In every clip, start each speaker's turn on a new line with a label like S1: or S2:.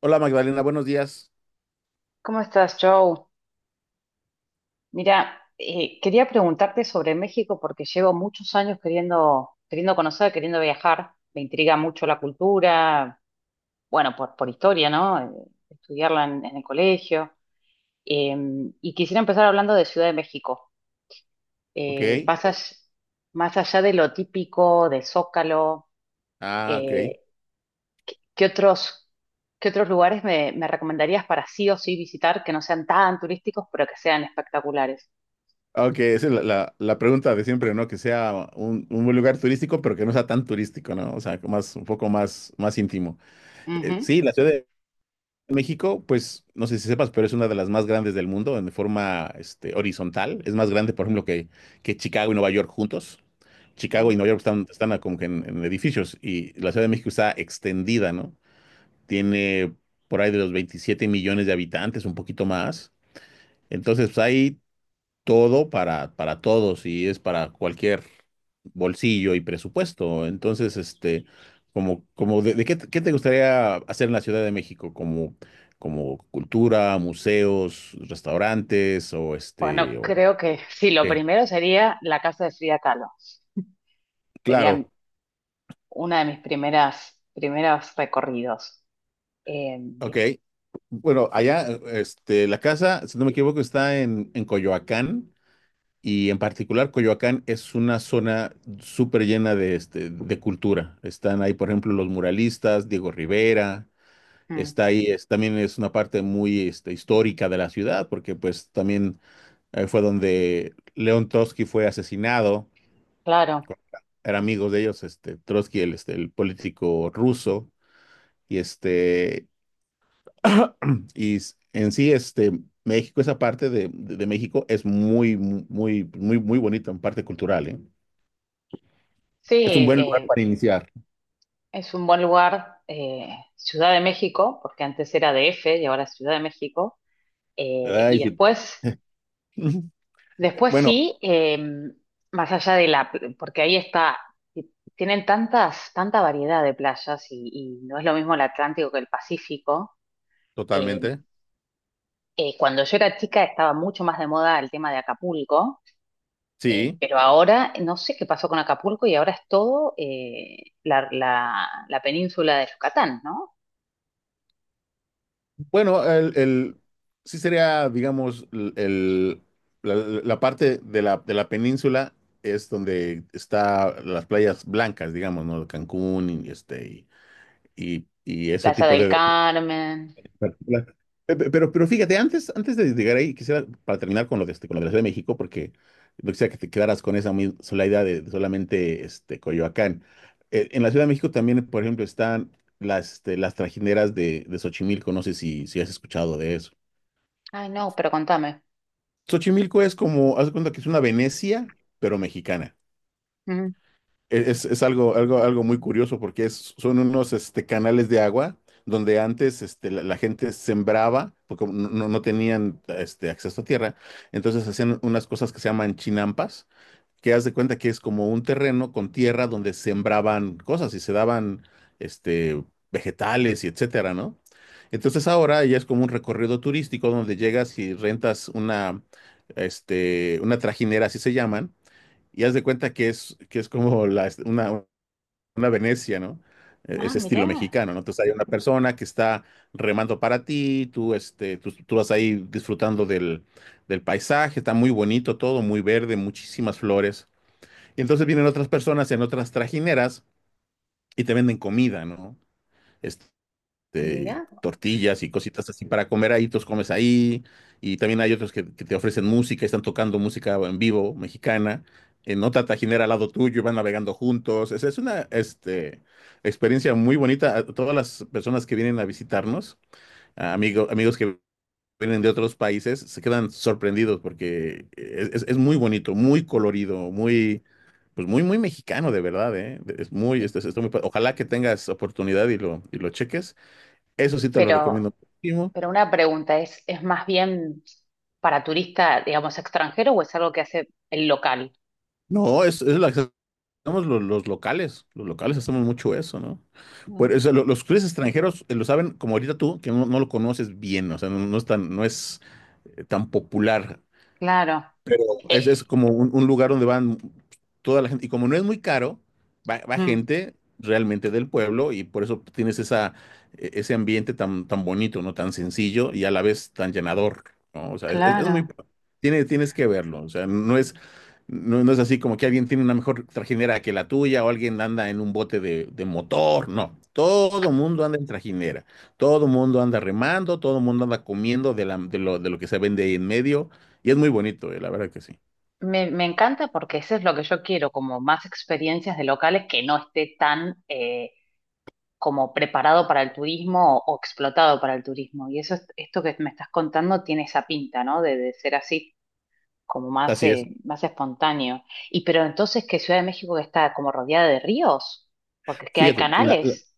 S1: Hola Magdalena, buenos días.
S2: ¿Cómo estás, Joe? Mira, quería preguntarte sobre México porque llevo muchos años queriendo conocer, queriendo viajar. Me intriga mucho la cultura, bueno, por historia, ¿no? Estudiarla en el colegio. Eh, y quisiera empezar hablando de Ciudad de México. Eh,
S1: Ok.
S2: más, all- más allá de lo típico, de Zócalo,
S1: Ah, ok.
S2: eh, ¿qué otros, qué otros lugares me recomendarías para sí o sí visitar que no sean tan turísticos, pero que sean espectaculares?
S1: Ah, ok, esa es la, la pregunta de siempre, ¿no? Que sea un buen lugar turístico, pero que no sea tan turístico, ¿no? O sea, un poco más, más íntimo. Sí, la Ciudad de México, pues, no sé si sepas, pero es una de las más grandes del mundo en forma, horizontal. Es más grande, por ejemplo, que Chicago y Nueva York juntos. Chicago y
S2: Ujú.
S1: Nueva York están como que en edificios y la Ciudad de México está extendida, ¿no? Tiene por ahí de los 27 millones de habitantes, un poquito más. Entonces, pues, hay todo para todos y es para cualquier bolsillo y presupuesto. Entonces, como de qué te gustaría hacer en la Ciudad de México, como cultura, museos, restaurantes, o
S2: Bueno,
S1: ¿o
S2: creo que sí, lo
S1: qué?
S2: primero sería la casa de Frida Kahlo. Sería
S1: Claro,
S2: una de mis primeros recorridos. Eh,
S1: ok. Bueno, allá, la casa, si no me equivoco, está en Coyoacán. Y en particular, Coyoacán es una zona súper llena de cultura. Están ahí, por ejemplo, los muralistas, Diego Rivera,
S2: mm,
S1: está ahí, también es una parte muy histórica de la ciudad, porque pues también fue donde León Trotsky fue asesinado.
S2: claro,
S1: Eran amigos de ellos, Trotsky, el político ruso, y y en sí, México, esa parte de México es muy, muy, muy, muy bonita en parte cultural, ¿eh?
S2: sí,
S1: Es un buen lugar para iniciar.
S2: es un buen lugar, Ciudad de México, porque antes era DF y ahora es Ciudad de México.
S1: Ay,
S2: Y
S1: sí.
S2: después, después
S1: Bueno,
S2: sí, más allá de la, porque ahí está, tienen tanta variedad de playas y no es lo mismo el Atlántico que el Pacífico. Em,
S1: totalmente.
S2: cuando yo era chica estaba mucho más de moda el tema de Acapulco,
S1: Sí.
S2: pero ahora no sé qué pasó con Acapulco y ahora es todo la península de Yucatán, ¿no?
S1: Bueno, sí sería, digamos, la parte de la península es donde está las playas blancas, digamos, ¿no? Cancún y ese
S2: Plaza
S1: tipo
S2: del
S1: de...
S2: Carmen.
S1: Claro. Pero fíjate, antes de llegar ahí, quisiera, para terminar con lo de, la Ciudad de México, porque no quisiera que te quedaras con esa muy sola idea de solamente Coyoacán. En la Ciudad de México también, por ejemplo, están las, las trajineras de Xochimilco, no sé si has escuchado de eso.
S2: Ay, no, pero contame.
S1: Xochimilco es como, haz de cuenta que es una Venecia, pero mexicana.
S2: Ujú.
S1: Es algo muy curioso porque son unos canales de agua donde antes la gente sembraba, porque no tenían acceso a tierra, entonces hacían unas cosas que se llaman chinampas, que haz de cuenta que es como un terreno con tierra donde sembraban cosas y se daban este, vegetales y etcétera, ¿no? Entonces ahora ya es como un recorrido turístico donde llegas y rentas una, una trajinera, así se llaman, y haz de cuenta que es como una Venecia, ¿no?
S2: Ah,
S1: Ese estilo
S2: mirá,
S1: mexicano, ¿no? Entonces hay una persona que está remando para ti, tú vas ahí disfrutando del paisaje, está muy bonito todo, muy verde, muchísimas flores. Y entonces vienen otras personas en otras trajineras y te venden comida, ¿no? Este,
S2: mirá.
S1: tortillas y cositas así para comer ahí, tú comes ahí. Y también hay otros que te ofrecen música, están tocando música en vivo mexicana, en otra tajinera al lado tuyo, y van navegando juntos. Es una experiencia muy bonita. A todas las personas que vienen a visitarnos, a amigos que vienen de otros países, se quedan sorprendidos porque es muy bonito, muy colorido, muy... Pues muy, muy mexicano, de verdad, ¿eh? Es muy,
S2: Y-
S1: es- está muy pa- Ojalá que tengas oportunidad y lo cheques. Eso sí te lo
S2: pero,
S1: recomiendo muchísimo.
S2: pero una pregunta, ¿es más bien para turista, digamos, extranjero o es algo que hace el local?
S1: No, es la que hacemos los locales. Los locales hacemos mucho eso, ¿no?
S2: Mm,
S1: Pues, o sea, los clientes extranjeros lo saben, como ahorita tú, que no lo conoces bien, o sea, no es tan, no es tan popular.
S2: claro. Eh,
S1: Es como un lugar donde van toda la gente. Y como no es muy caro, va
S2: mm,
S1: gente realmente del pueblo y por eso tienes esa, ese ambiente tan, tan bonito, ¿no? Tan sencillo y a la vez tan llenador, ¿no? O sea, es muy...
S2: claro.
S1: tienes que verlo, o sea, no es, no es así como que alguien tiene una mejor trajinera que la tuya o alguien anda en un bote de motor, no. Todo mundo anda en trajinera, todo mundo anda remando, todo mundo anda comiendo de lo que se vende ahí en medio, y es muy bonito, la verdad que sí.
S2: Me encanta porque eso es lo que yo quiero, como más experiencias de locales que no esté tan como preparado para el turismo o explotado para el turismo. Y eso, esto que me estás contando tiene esa pinta, ¿no? De ser así, como más,
S1: Así es.
S2: eh, más espontáneo. Y pero entonces, ¿que Ciudad de México está como rodeada de ríos? Porque es que hay, sí,
S1: Fíjate,
S2: canales.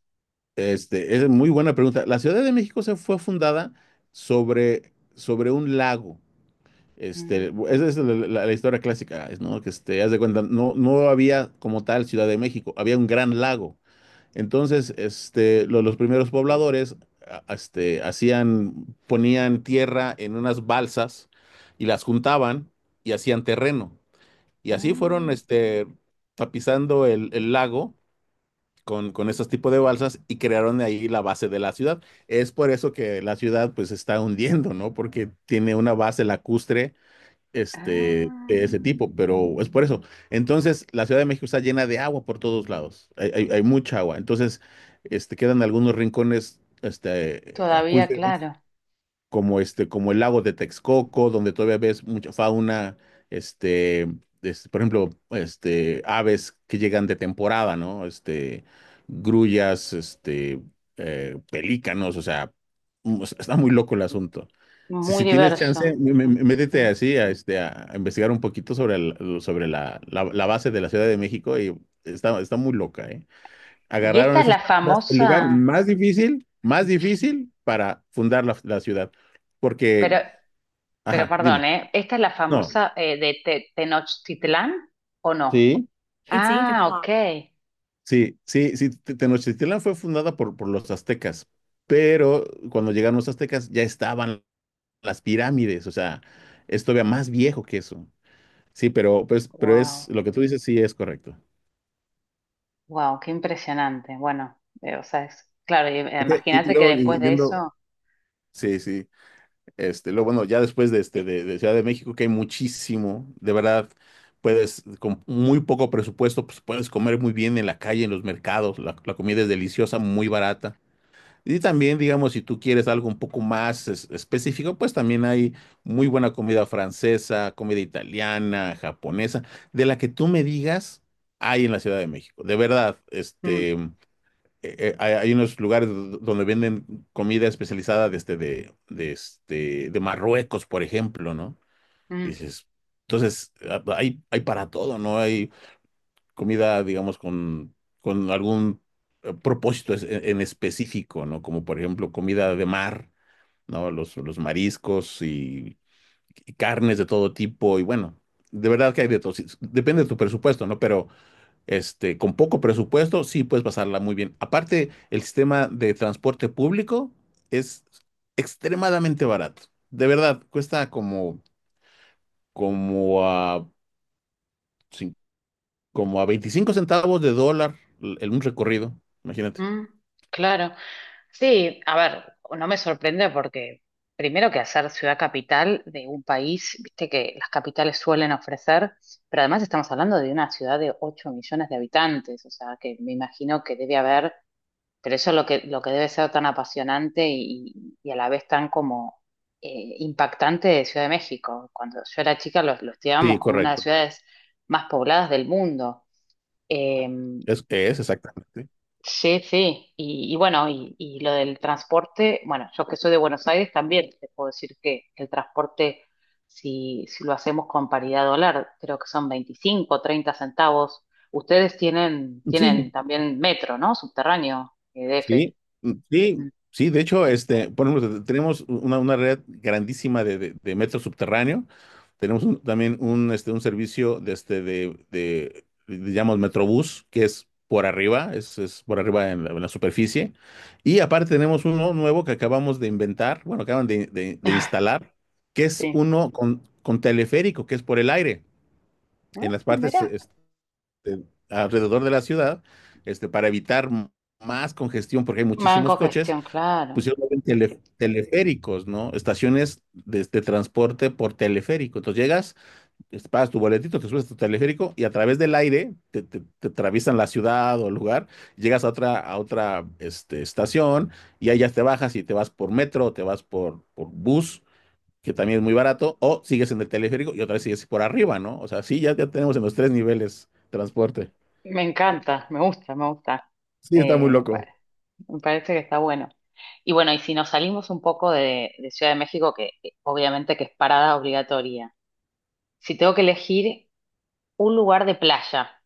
S1: es muy buena pregunta. La Ciudad de México se fue fundada sobre un lago. Este,
S2: Mm,
S1: esa es la, la historia clásica, es, ¿no? Que haz de cuenta, no, no había como tal Ciudad de México, había un gran lago. Entonces, los primeros pobladores, hacían, ponían tierra en unas balsas y las juntaban y hacían terreno. Y así fueron,
S2: ah,
S1: tapizando el lago con estos tipos de balsas y crearon de ahí la base de la ciudad. Es por eso que la ciudad pues se está hundiendo, ¿no? Porque tiene una base lacustre de ese
S2: ah,
S1: tipo, pero es por eso. Entonces, la Ciudad de México está llena de agua por todos lados. Hay mucha agua. Entonces, quedan algunos rincones
S2: todavía,
S1: acuíferos
S2: claro.
S1: como el lago de Texcoco, donde todavía ves mucha fauna, este, por ejemplo, aves que llegan de temporada, ¿no? Grullas, pelícanos, o sea, o sea, está muy loco el asunto. Si,
S2: Muy
S1: si tienes chance,
S2: diverso.
S1: métete
S2: Sí.
S1: así a, a investigar un poquito sobre, sobre la, la base de la Ciudad de México, y está muy loca, ¿eh?
S2: Y
S1: Agarraron
S2: esta es
S1: esas
S2: la
S1: personas el lugar,
S2: famosa,
S1: difícil, más difícil para fundar la ciudad. Porque,
S2: pero Pero
S1: ajá,
S2: perdón,
S1: dime.
S2: ¿eh? ¿Esta es la
S1: No,
S2: famosa de Tenochtitlán o no?
S1: sí, It's eight
S2: Ah, ok.
S1: o'clock. Sí, sí, sí. Tenochtitlán fue fundada por los aztecas, pero cuando llegaron los aztecas ya estaban las pirámides, o sea, es todavía más viejo que eso. Sí, pero, pues, pero es
S2: Wow,
S1: lo que tú dices, sí es correcto.
S2: wow, qué impresionante. Bueno, o sea, es claro,
S1: Ok, y
S2: imagínate que
S1: luego
S2: después de
S1: yendo.
S2: eso.
S1: Sí, sí. Luego, bueno, ya después de Ciudad de México, que hay muchísimo, de verdad, puedes, con muy poco presupuesto, pues puedes comer muy bien en la calle, en los mercados, la comida es deliciosa, muy barata. Y también, digamos, si tú quieres algo un poco más específico, pues también hay muy buena comida francesa, comida italiana, japonesa, de la que tú me digas, hay en la Ciudad de México. De verdad,
S2: Mm,
S1: hay unos lugares donde venden comida especializada de Marruecos, por ejemplo, ¿no? Y
S2: mm,
S1: dices, entonces, ah, pues, hay para todo, ¿no? Hay comida, digamos, con algún propósito en, específico, ¿no? Como por ejemplo comida de mar, ¿no? Los mariscos y carnes de todo tipo, y bueno, de verdad que hay de todo. Sí, depende de tu presupuesto, ¿no? Pero con poco presupuesto, sí puedes pasarla muy bien. Aparte, el sistema de transporte público es extremadamente barato. De verdad, cuesta como a, cin- como a 25 centavos de dólar en un recorrido. Imagínate.
S2: mm, claro. Sí, a ver, no me sorprende porque primero que hacer ciudad capital de un país, viste que las capitales suelen ofrecer, pero además estamos hablando de una ciudad de 8 millones de habitantes, o sea, que me imagino que debe haber. Pero eso es lo que debe ser tan apasionante y a la vez tan como impactante de Ciudad de México. Cuando yo era chica lo estudiábamos
S1: Sí,
S2: como una de las
S1: correcto.
S2: ciudades más pobladas del mundo. Eh,
S1: Es exactamente.
S2: sí, sí. Y bueno, y lo del transporte, bueno, yo que soy de Buenos Aires también te puedo decir que el transporte, si lo hacemos con paridad dólar, creo que son 25 30 centavos. Ustedes tienen,
S1: Sí,
S2: tienen también metro, ¿no? Subterráneo, EDF.
S1: sí, mm,
S2: Mm.
S1: sí, sí, de hecho, por ejemplo, tenemos una red grandísima de metro subterráneo. Tenemos también un, un servicio de, digamos, Metrobús, que es por arriba, es por arriba en la superficie. Y aparte tenemos uno nuevo que acabamos de inventar, bueno, acaban de instalar, que es
S2: Sí.
S1: uno con teleférico, que es por el aire, en las
S2: Ah,
S1: partes,
S2: mira,
S1: alrededor de la ciudad, para evitar más congestión, porque hay muchísimos
S2: manco
S1: coches,
S2: gestión, claro.
S1: pusieron teleféricos, ¿no? Estaciones de transporte por teleférico. Entonces llegas, pagas tu boletito, te subes a tu teleférico y a través del aire te atraviesan la ciudad o el lugar, llegas a otra estación y ahí ya te bajas y te vas por metro o te vas por bus, que también es muy barato, o sigues en el teleférico y otra vez sigues por arriba, ¿no? O sea, sí, ya tenemos en los tres niveles transporte.
S2: Me encanta, me gusta, me gusta.
S1: Sí, está muy
S2: Eh, me, pa-
S1: loco.
S2: me parece que está bueno. Y bueno, y si nos salimos un poco de Ciudad de México, que obviamente que es parada obligatoria, si tengo que elegir un lugar de playa,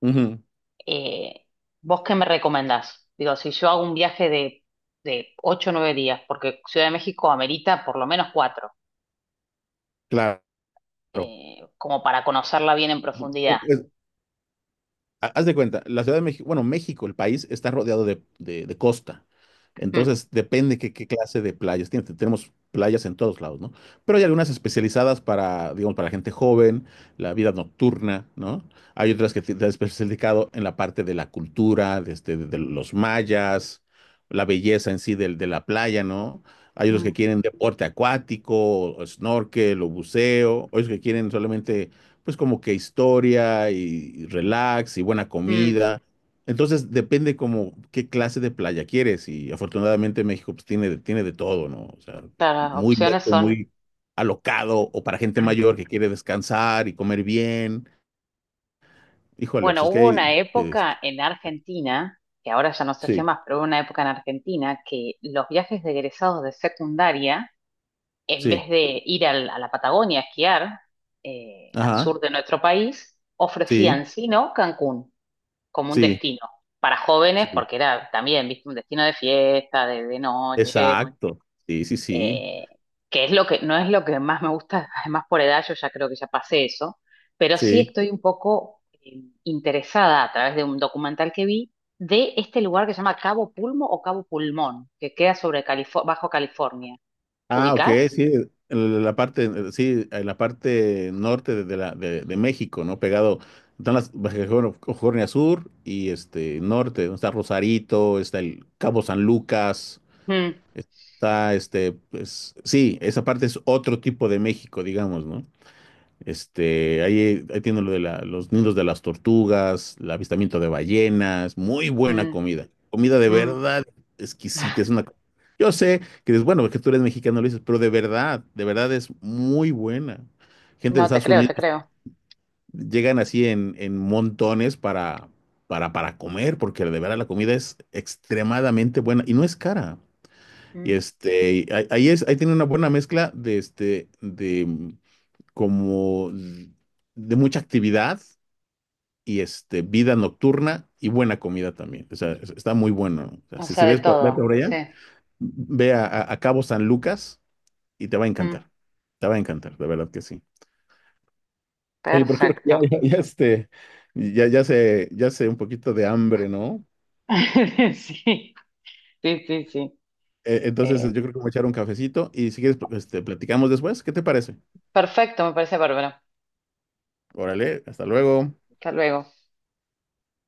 S1: Ujú,
S2: eh, ¿vos qué me recomendás? Digo, si yo hago un viaje de 8 o 9 días, porque Ciudad de México amerita por lo menos 4,
S1: claro.
S2: como para conocerla bien en profundidad.
S1: Es- Haz de cuenta, la Ciudad de México, bueno, México, el país, está rodeado de costa.
S2: Mm,
S1: Entonces, depende qué, clase de playas tiene. Tenemos playas en todos lados, ¿no? Pero hay algunas especializadas para, digamos, para la gente joven, la vida nocturna, ¿no? Hay otras que te has especializado en la parte de la cultura, de los mayas, la belleza en sí de la playa, ¿no? Hay otros
S2: mm,
S1: que quieren deporte acuático, o snorkel, o buceo, otros que quieren solamente pues como que historia y relax y buena
S2: mm.
S1: comida. Entonces depende como qué clase de playa quieres y afortunadamente México pues tiene, tiene de todo, ¿no? O sea,
S2: Claro, las
S1: muy
S2: opciones
S1: loco,
S2: son,
S1: muy alocado o para gente mayor que quiere descansar y comer bien. Híjole, pues
S2: bueno,
S1: es que
S2: hubo
S1: hay,
S2: una época
S1: este,
S2: en Argentina, que ahora ya no se hace
S1: sí,
S2: más, pero hubo una época en Argentina que los viajes de egresados de secundaria, en
S1: sí,
S2: vez de ir a la Patagonia a esquiar, al
S1: ajá,
S2: sur de nuestro país,
S1: sí,
S2: ofrecían, si no, Cancún como un
S1: sí,
S2: destino para jóvenes,
S1: sí,
S2: porque era también, viste, un destino de fiesta, de noche,
S1: exacto, sí, sí, sí,
S2: eh, que es lo que, no es lo que más me gusta, además por edad yo ya creo que ya pasé eso, pero sí
S1: sí.
S2: estoy un poco interesada a través de un documental que vi de este lugar que se llama Cabo Pulmo o Cabo Pulmón, que queda sobre Bajo California.
S1: Ah, ok, sí,
S2: ¿Ubicás?
S1: en la parte, sí, en la parte norte de México, ¿no? Pegado, están las Baja California, California Sur y este norte, donde está Rosarito, está el Cabo San Lucas,
S2: Mm,
S1: está pues, sí, esa parte es otro tipo de México, digamos, ¿no? Ahí tiene lo los nidos de las tortugas, el avistamiento de ballenas, muy buena
S2: mm,
S1: comida. Comida de
S2: mm.
S1: verdad exquisita. Es una Yo sé que dices, bueno, que tú eres mexicano, lo dices, pero de verdad es muy buena. Gente de
S2: No, te
S1: Estados
S2: creo, te
S1: Unidos
S2: creo.
S1: llegan así en montones para, para comer, porque de verdad la comida es extremadamente buena y no es cara. Y
S2: Mm.
S1: este, ahí, ahí es, ahí tiene una buena mezcla de como de mucha actividad y vida nocturna y buena comida también. O sea, está muy bueno. O sea,
S2: O
S1: si,
S2: sea,
S1: si
S2: de
S1: ves por, vete
S2: todo,
S1: por
S2: sí.
S1: allá, ve a, a Cabo San Lucas y te va a
S2: Mm,
S1: encantar. Te va a encantar, de verdad que sí. Oye, pero creo que ya,
S2: perfecto.
S1: ya, ya, este, ya, ya se, ya se un poquito de hambre, ¿no?
S2: Sí, sí, sí, sí.
S1: Entonces,
S2: Eh,
S1: yo creo que voy a echar un cafecito y si quieres, pues, platicamos después. ¿Qué te parece?
S2: perfecto, me parece bárbaro.
S1: Órale, hasta luego.
S2: Hasta luego.